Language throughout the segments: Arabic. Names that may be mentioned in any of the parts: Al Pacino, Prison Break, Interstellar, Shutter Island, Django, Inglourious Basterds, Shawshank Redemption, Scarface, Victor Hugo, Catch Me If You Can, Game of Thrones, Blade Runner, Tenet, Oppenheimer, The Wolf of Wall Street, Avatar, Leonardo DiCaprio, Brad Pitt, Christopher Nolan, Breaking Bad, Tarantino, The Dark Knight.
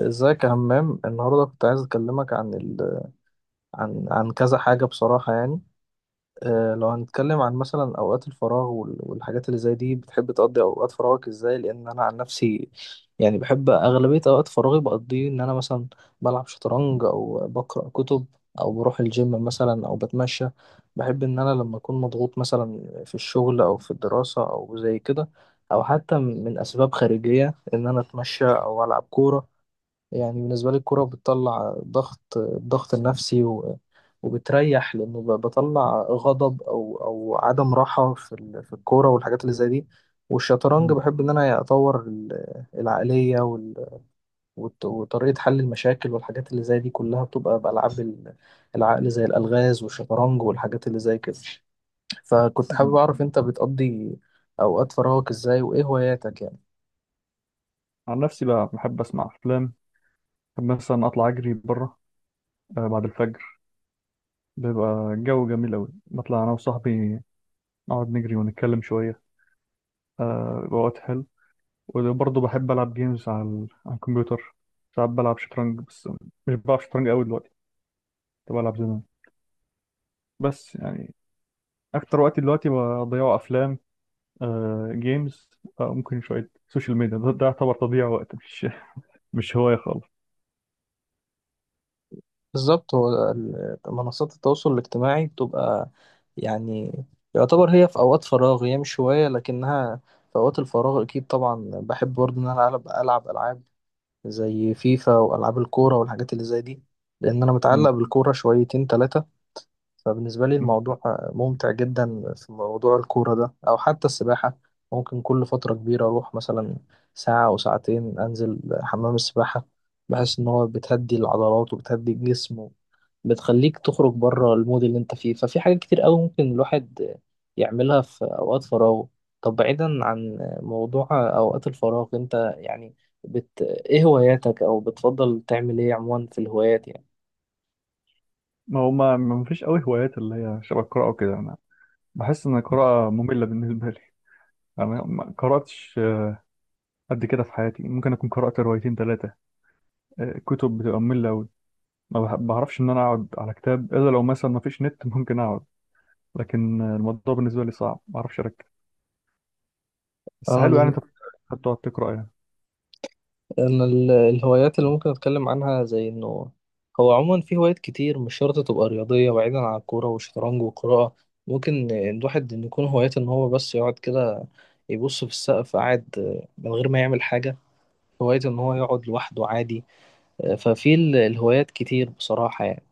ازيك يا همام؟ النهارده كنت عايز اكلمك عن ال... عن عن كذا حاجه بصراحه، يعني. لو هنتكلم عن مثلا اوقات الفراغ والحاجات اللي زي دي، بتحب تقضي اوقات فراغك ازاي؟ لان انا عن نفسي، يعني بحب اغلبيه اوقات فراغي بقضيه ان انا مثلا بلعب شطرنج او بقرا كتب، او بروح الجيم مثلا او بتمشى. بحب ان انا لما اكون مضغوط، مثلا في الشغل او في الدراسه او زي كده، او حتى من اسباب خارجيه، ان انا اتمشى او العب كوره. يعني بالنسبة لي الكورة بتطلع ضغط، الضغط النفسي وبتريح، لأنه بطلع غضب أو عدم راحة في في الكورة والحاجات اللي زي دي. والشطرنج مم. بحب إن أنا أطور العقلية وطريقة حل المشاكل والحاجات اللي زي دي كلها بتبقى بألعاب العقل، زي الألغاز والشطرنج والحاجات اللي زي كده. فكنت حابب مم. أعرف، أنت بتقضي أوقات فراغك إزاي وإيه هواياتك، يعني؟ عن نفسي بقى بحب اسمع افلام. بحب مثلا اطلع اجري بره، آه، بعد الفجر. بيبقى الجو جميل قوي، بطلع انا وصاحبي نقعد نجري ونتكلم شويه. آه، بيبقى وقت حلو. وبرضه بحب العب جيمز على على الكمبيوتر. ساعات بلعب شطرنج بس، مش بلعب شطرنج قوي دلوقتي، كنت بلعب زمان بس يعني اكتر وقت دلوقتي بضيعه افلام. آه، جيمز. آه، ممكن شويه سوشيال ميديا، ده يعتبر تضييع وقت، مش مش هوايه خالص. بالظبط، هو منصات التواصل الاجتماعي بتبقى، يعني، يعتبر هي في أوقات فراغ، هي مش هواية لكنها في أوقات الفراغ. أكيد طبعا بحب برضه إن أنا ألعب ألعاب زي فيفا وألعاب الكورة والحاجات اللي زي دي، لأن أنا متعلق بالكورة شويتين تلاتة. فبالنسبة لي مم. الموضوع ممتع جدا في موضوع الكورة ده، أو حتى السباحة. ممكن كل فترة كبيرة أروح مثلا ساعة أو ساعتين أنزل حمام السباحة. بحس إن هو بتهدي العضلات وبتهدي الجسم، بتخليك تخرج بره المود اللي انت فيه. ففي حاجات كتير قوي ممكن الواحد يعملها في اوقات فراغه. طب بعيدا عن موضوع اوقات الفراغ، انت يعني ايه هواياتك او بتفضل تعمل ايه عموما في الهوايات، يعني؟ ما هو ما فيش قوي هوايات اللي هي شبه القراءة وكده. أنا بحس إن القراءة مملة بالنسبة لي، أنا ما قرأتش قد كده في حياتي، ممكن أكون قرأت روايتين ثلاثة كتب، بتبقى مملة أوي. ما بعرفش إن أنا أقعد على كتاب إلا لو مثلا ما فيش نت ممكن أقعد، لكن الموضوع بالنسبة لي صعب، ما أعرفش أركز. بس انا حلو، يعني أنت من... بتقعد تقرأ يعني؟ انا الهوايات اللي ممكن اتكلم عنها، زي انه هو عموما في هوايات كتير مش شرط تبقى رياضية، بعيدا عن الكورة والشطرنج والقراءة. ممكن الواحد إن يكون هوايته ان هو بس يقعد كده يبص في السقف قاعد من غير ما يعمل حاجة. هوايته إن هو يقعد لوحده عادي. ففي الهوايات كتير بصراحة، يعني.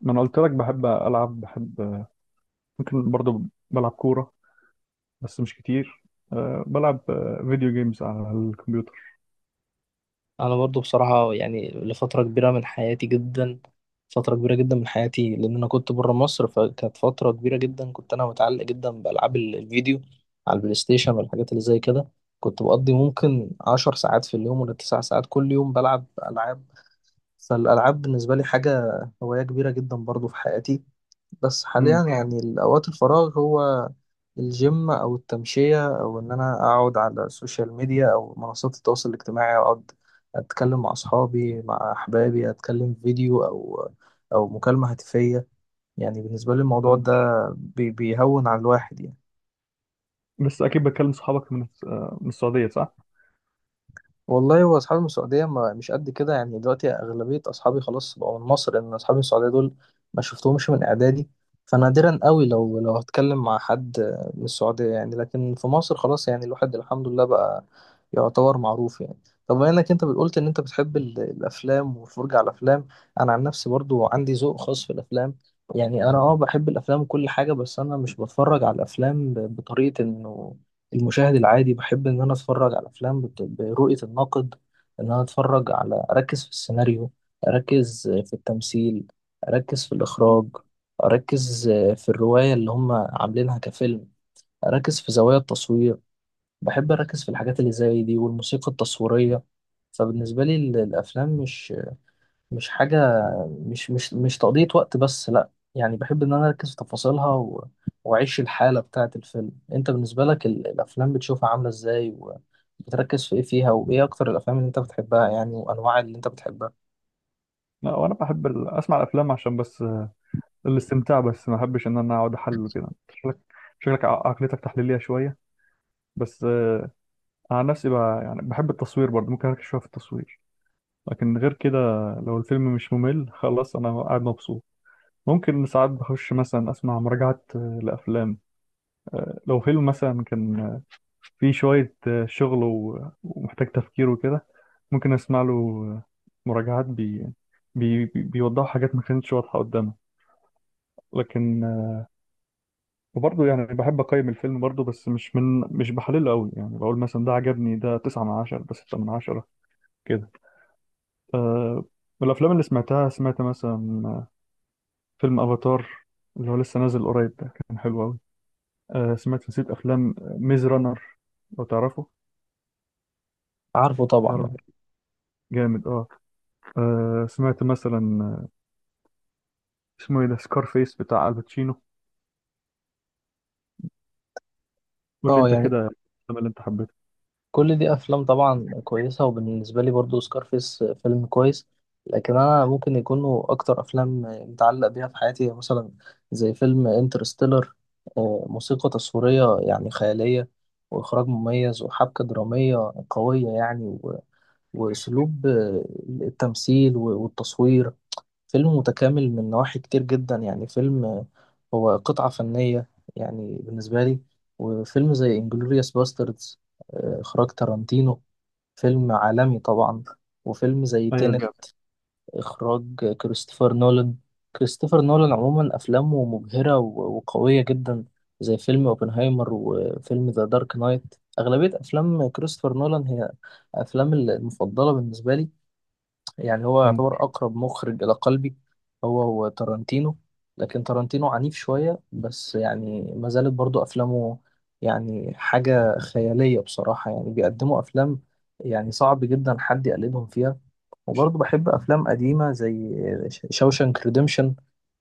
ما أنا قلت لك بحب ألعب، بحب ممكن برضه بلعب كورة، بس مش كتير. أه، بلعب أه، فيديو جيمز على الكمبيوتر. أنا برضو بصراحة، يعني لفترة كبيرة من حياتي جدا فترة كبيرة جدا من حياتي، لأن أنا كنت برا مصر فكانت فترة كبيرة جدا كنت أنا متعلق جدا بألعاب الفيديو على البلاي ستيشن والحاجات اللي زي كده. كنت بقضي ممكن 10 ساعات في اليوم ولا 9 ساعات كل يوم، بلعب ألعاب. فالألعاب بالنسبة لي حاجة، هواية كبيرة جدا برضو في حياتي. بس حاليا مم. يعني اوقات الفراغ هو الجيم او التمشيه، او ان انا اقعد على السوشيال ميديا او منصات التواصل الاجتماعي، اقعد اتكلم مع اصحابي مع احبابي، اتكلم فيديو او مكالمه هاتفيه. يعني بالنسبه لي الموضوع ده بيهون على الواحد، يعني. بس اكيد بتكلم صحابك من آه، من السعوديه، صح؟ والله هو اصحابي من السعوديه ما مش قد كده، يعني دلوقتي اغلبيه اصحابي خلاص بقوا من مصر، لان اصحابي من السعوديه دول ما شفتهمش من اعدادي. فنادرا قوي لو هتكلم مع حد من السعوديه، يعني. لكن في مصر خلاص، يعني الواحد الحمد لله بقى يعتبر معروف، يعني. طب بما انك انت بتقولت ان انت بتحب الافلام والفرجه على الافلام، انا عن نفسي برضو عندي ذوق خاص في الافلام. يعني انا بحب الافلام وكل حاجه، بس انا مش بتفرج على الافلام بطريقه انه المشاهد العادي. بحب إن أنا أتفرج على أفلام برؤية الناقد. إن أنا أتفرج على، أركز في السيناريو، أركز في التمثيل، أركز في الإخراج، أركز في الرواية اللي هم عاملينها كفيلم، أركز في زوايا التصوير. بحب أركز في الحاجات اللي زي دي والموسيقى التصويرية. فبالنسبة لي الأفلام مش حاجة، مش تقضية وقت بس، لأ، يعني بحب إن أنا أركز في تفاصيلها وأعيش الحالة بتاعة الفيلم. أنت بالنسبة لك الأفلام بتشوفها عاملة إزاي، وبتركز في إيه فيها، وإيه أكتر الأفلام اللي أنت بتحبها يعني، وأنواع اللي أنت بتحبها؟ لا، وانا بحب اسمع الافلام عشان بس، آه، الاستمتاع، بس ما بحبش ان انا اقعد احلل كده. شكلك شكلك عقليتك تحليليه شويه. بس آه، عن نفسي بقى يعني بحب التصوير برضه، ممكن اركز شويه في التصوير. لكن غير كده، لو الفيلم مش ممل خلاص انا قاعد مبسوط. ممكن ساعات بخش مثلا اسمع مراجعات، آه، لافلام. آه، لو فيلم مثلا كان في شوية، آه، شغل ومحتاج تفكير وكده، ممكن أسمع له، آه، مراجعات بيوضحوا حاجات ما كانتش واضحة قدامه. لكن آه، وبرضه يعني بحب أقيم الفيلم برضه، بس مش بحلله أوي، يعني بقول مثلا ده عجبني، ده 9/10، ده 6/10 كده. آه، والأفلام اللي سمعتها، سمعت مثلا آه، فيلم أفاتار اللي هو لسه نازل قريب ده، كان حلو أوي. آه، سمعت نسيت أفلام ميز رانر، لو تعرفه؟ عارفه تعرف، طبعا. جامد اه. آه، سمعت مثلا آه، اسمه ايه ده، سكار فيس بتاع الباتشينو، قول لي انت يعني، كده الفيلم اللي انت حبيته. كل دي افلام طبعا كويسه، وبالنسبه لي برضو سكارفيس فيلم كويس. لكن انا ممكن يكونوا اكتر افلام متعلق بيها في حياتي مثلا، زي فيلم انترستيلر. موسيقى تصويريه يعني خياليه، واخراج مميز، وحبكه دراميه قويه، يعني واسلوب التمثيل والتصوير. فيلم متكامل من نواحي كتير جدا، يعني فيلم هو قطعة فنية، يعني بالنسبة لي. وفيلم زي انجلوريوس باستردز، إخراج تارانتينو، فيلم عالمي طبعا. وفيلم زي ايوه تينت، جامد. إخراج كريستوفر نولان. كريستوفر نولان عموما أفلامه مبهرة وقوية جدا، زي فيلم اوبنهايمر وفيلم ذا دارك نايت. أغلبية أفلام كريستوفر نولان هي أفلام المفضلة بالنسبة لي، يعني هو مم. يعتبر أقرب مخرج إلى قلبي. هو هو تارانتينو، لكن تارانتينو عنيف شوية بس، يعني ما زالت برضو أفلامه يعني حاجة خيالية بصراحة، يعني بيقدموا أفلام يعني صعب جدا حد يقلدهم فيها. وبرضو بحب أفلام قديمة زي شوشانك ريديمشن.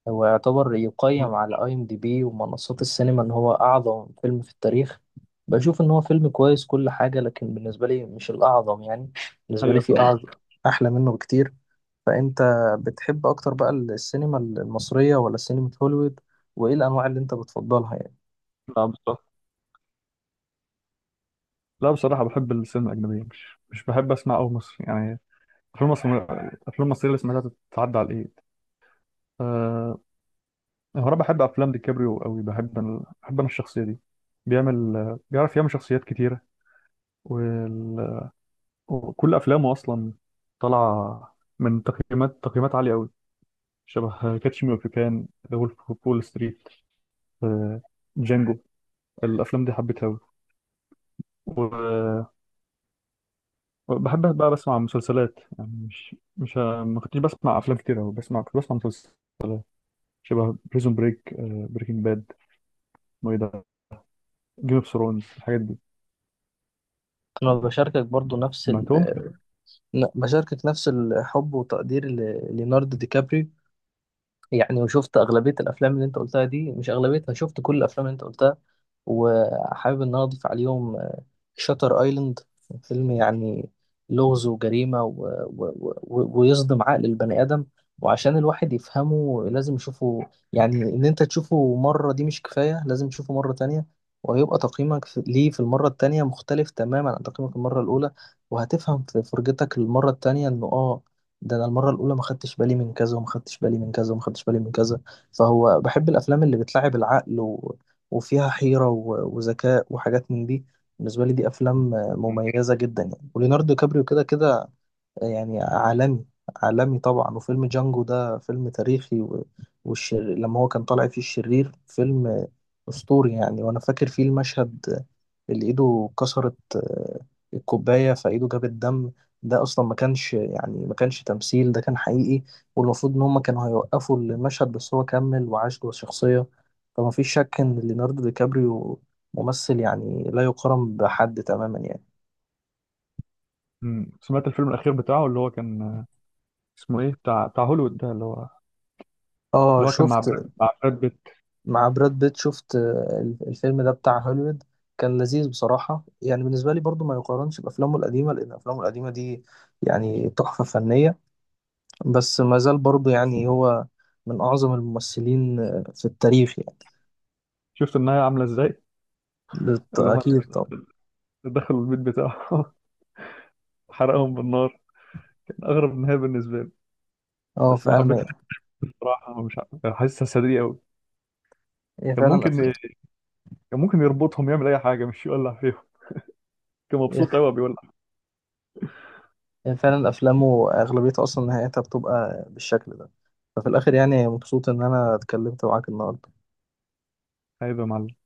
هو يعتبر يقيم على أي أم دي بي ومنصات السينما إن هو أعظم فيلم في التاريخ. بشوف إن هو فيلم كويس كل حاجة، لكن بالنسبة لي مش الأعظم، يعني. بالنسبة لي ايوه في فعلا. أعظم أحلى منه بكتير. فأنت بتحب أكتر بقى السينما المصرية ولا سينما هوليوود، وإيه الأنواع اللي أنت بتفضلها، يعني؟ لا بصراحه، لا بصراحه بحب السينما الاجنبيه، مش بحب اسمع قوي مصري يعني. افلام مصر، الافلام المصريه اللي سمعتها تتعدى على الايد. أه، هو انا بحب افلام دي كابريو قوي، بحب أنا، بحب انا الشخصيه دي، بيعمل بيعرف يعمل شخصيات كتيره. وال... وكل افلامه اصلا طالعه من تقييمات، تقييمات عاليه قوي. شبه كاتش مي اوف كان، ذا وولف اوف وول ستريت، جانجو. الافلام دي حبيتها قوي. وبحب بقى بسمع مسلسلات، يعني مش مش ما كنتش بسمع افلام كتير قوي، كنت بسمع مسلسلات شبه بريزون بريك، بريكنج باد، اسمه ايه ده، جيم اوف ثرونز، الحاجات دي أنا بشاركك برضو نفس سمعتهم. بشاركك نفس الحب وتقدير ليوناردو دي كابريو، يعني. وشفت أغلبية الأفلام اللي أنت قلتها دي، مش أغلبيتها، شفت كل الأفلام اللي أنت قلتها، وحابب إن أنا أضيف عليهم شاتر أيلاند. فيلم يعني لغز وجريمة و... ويصدم عقل البني آدم. وعشان الواحد يفهمه لازم يشوفه، يعني إن أنت تشوفه مرة دي مش كفاية، لازم تشوفه مرة تانية، وهيبقى تقييمك ليه في المرة التانية مختلف تماما عن تقييمك المرة الأولى. وهتفهم في فرجتك المرة التانية إنه ده انا المره الاولى ما خدتش بالي من كذا، وما خدتش بالي من كذا، وما خدتش بالي من كذا. فهو بحب الافلام اللي بتلعب العقل وفيها حيره وذكاء وحاجات من دي. بالنسبه لي دي افلام مميزه جدا، يعني. وليوناردو كابريو كده كده يعني عالمي. عالمي طبعا. وفيلم جانجو ده فيلم تاريخي لما هو كان طالع فيه الشرير، فيلم أسطوري يعني. وأنا فاكر فيه المشهد اللي إيده كسرت الكوباية فإيده جابت دم. ده أصلا ما كانش يعني ما كانش تمثيل، ده كان حقيقي. والمفروض إن هما كانوا هيوقفوا المشهد بس هو كمل وعاش جوه الشخصية. فما فيش شك إن ليوناردو دي كابريو ممثل يعني لا يقارن بحد تماما، يعني. مم. سمعت الفيلم الاخير بتاعه اللي هو كان آه، اسمه ايه، بتاع هوليوود ده، اللي هو اه، اللي هو كان مع شفت. براد مع براد بيت. مع براد بيت، شفت الفيلم ده بتاع هوليوود، كان لذيذ بصراحة، يعني بالنسبة لي برضو ما يقارنش بأفلامه القديمة، لأن أفلامه القديمة دي يعني تحفة فنية. بس ما زال برضو يعني هو من أعظم الممثلين في التاريخ، يعني. شفت النهايه عامله ازاي؟ اللي هم أكيد طبعا. دخلوا البيت بتاعه حرقهم بالنار. كان اغرب نهايه بالنسبه لي، اه بس ما فعلا حبيتهاش بصراحه، مش حاسسها سريع قوي. هي كان فعلا ممكن أفلام كان ممكن يربطهم يعمل اي حاجه، مش يولع فيهم، كان هي مبسوط قوي بيولع. هي فعلا أفلامه أغلبيتها أصلا نهايتها بتبقى بالشكل ده. ففي الآخر، يعني مبسوط إن أنا اتكلمت معاك النهاردة. عيب يا معلم.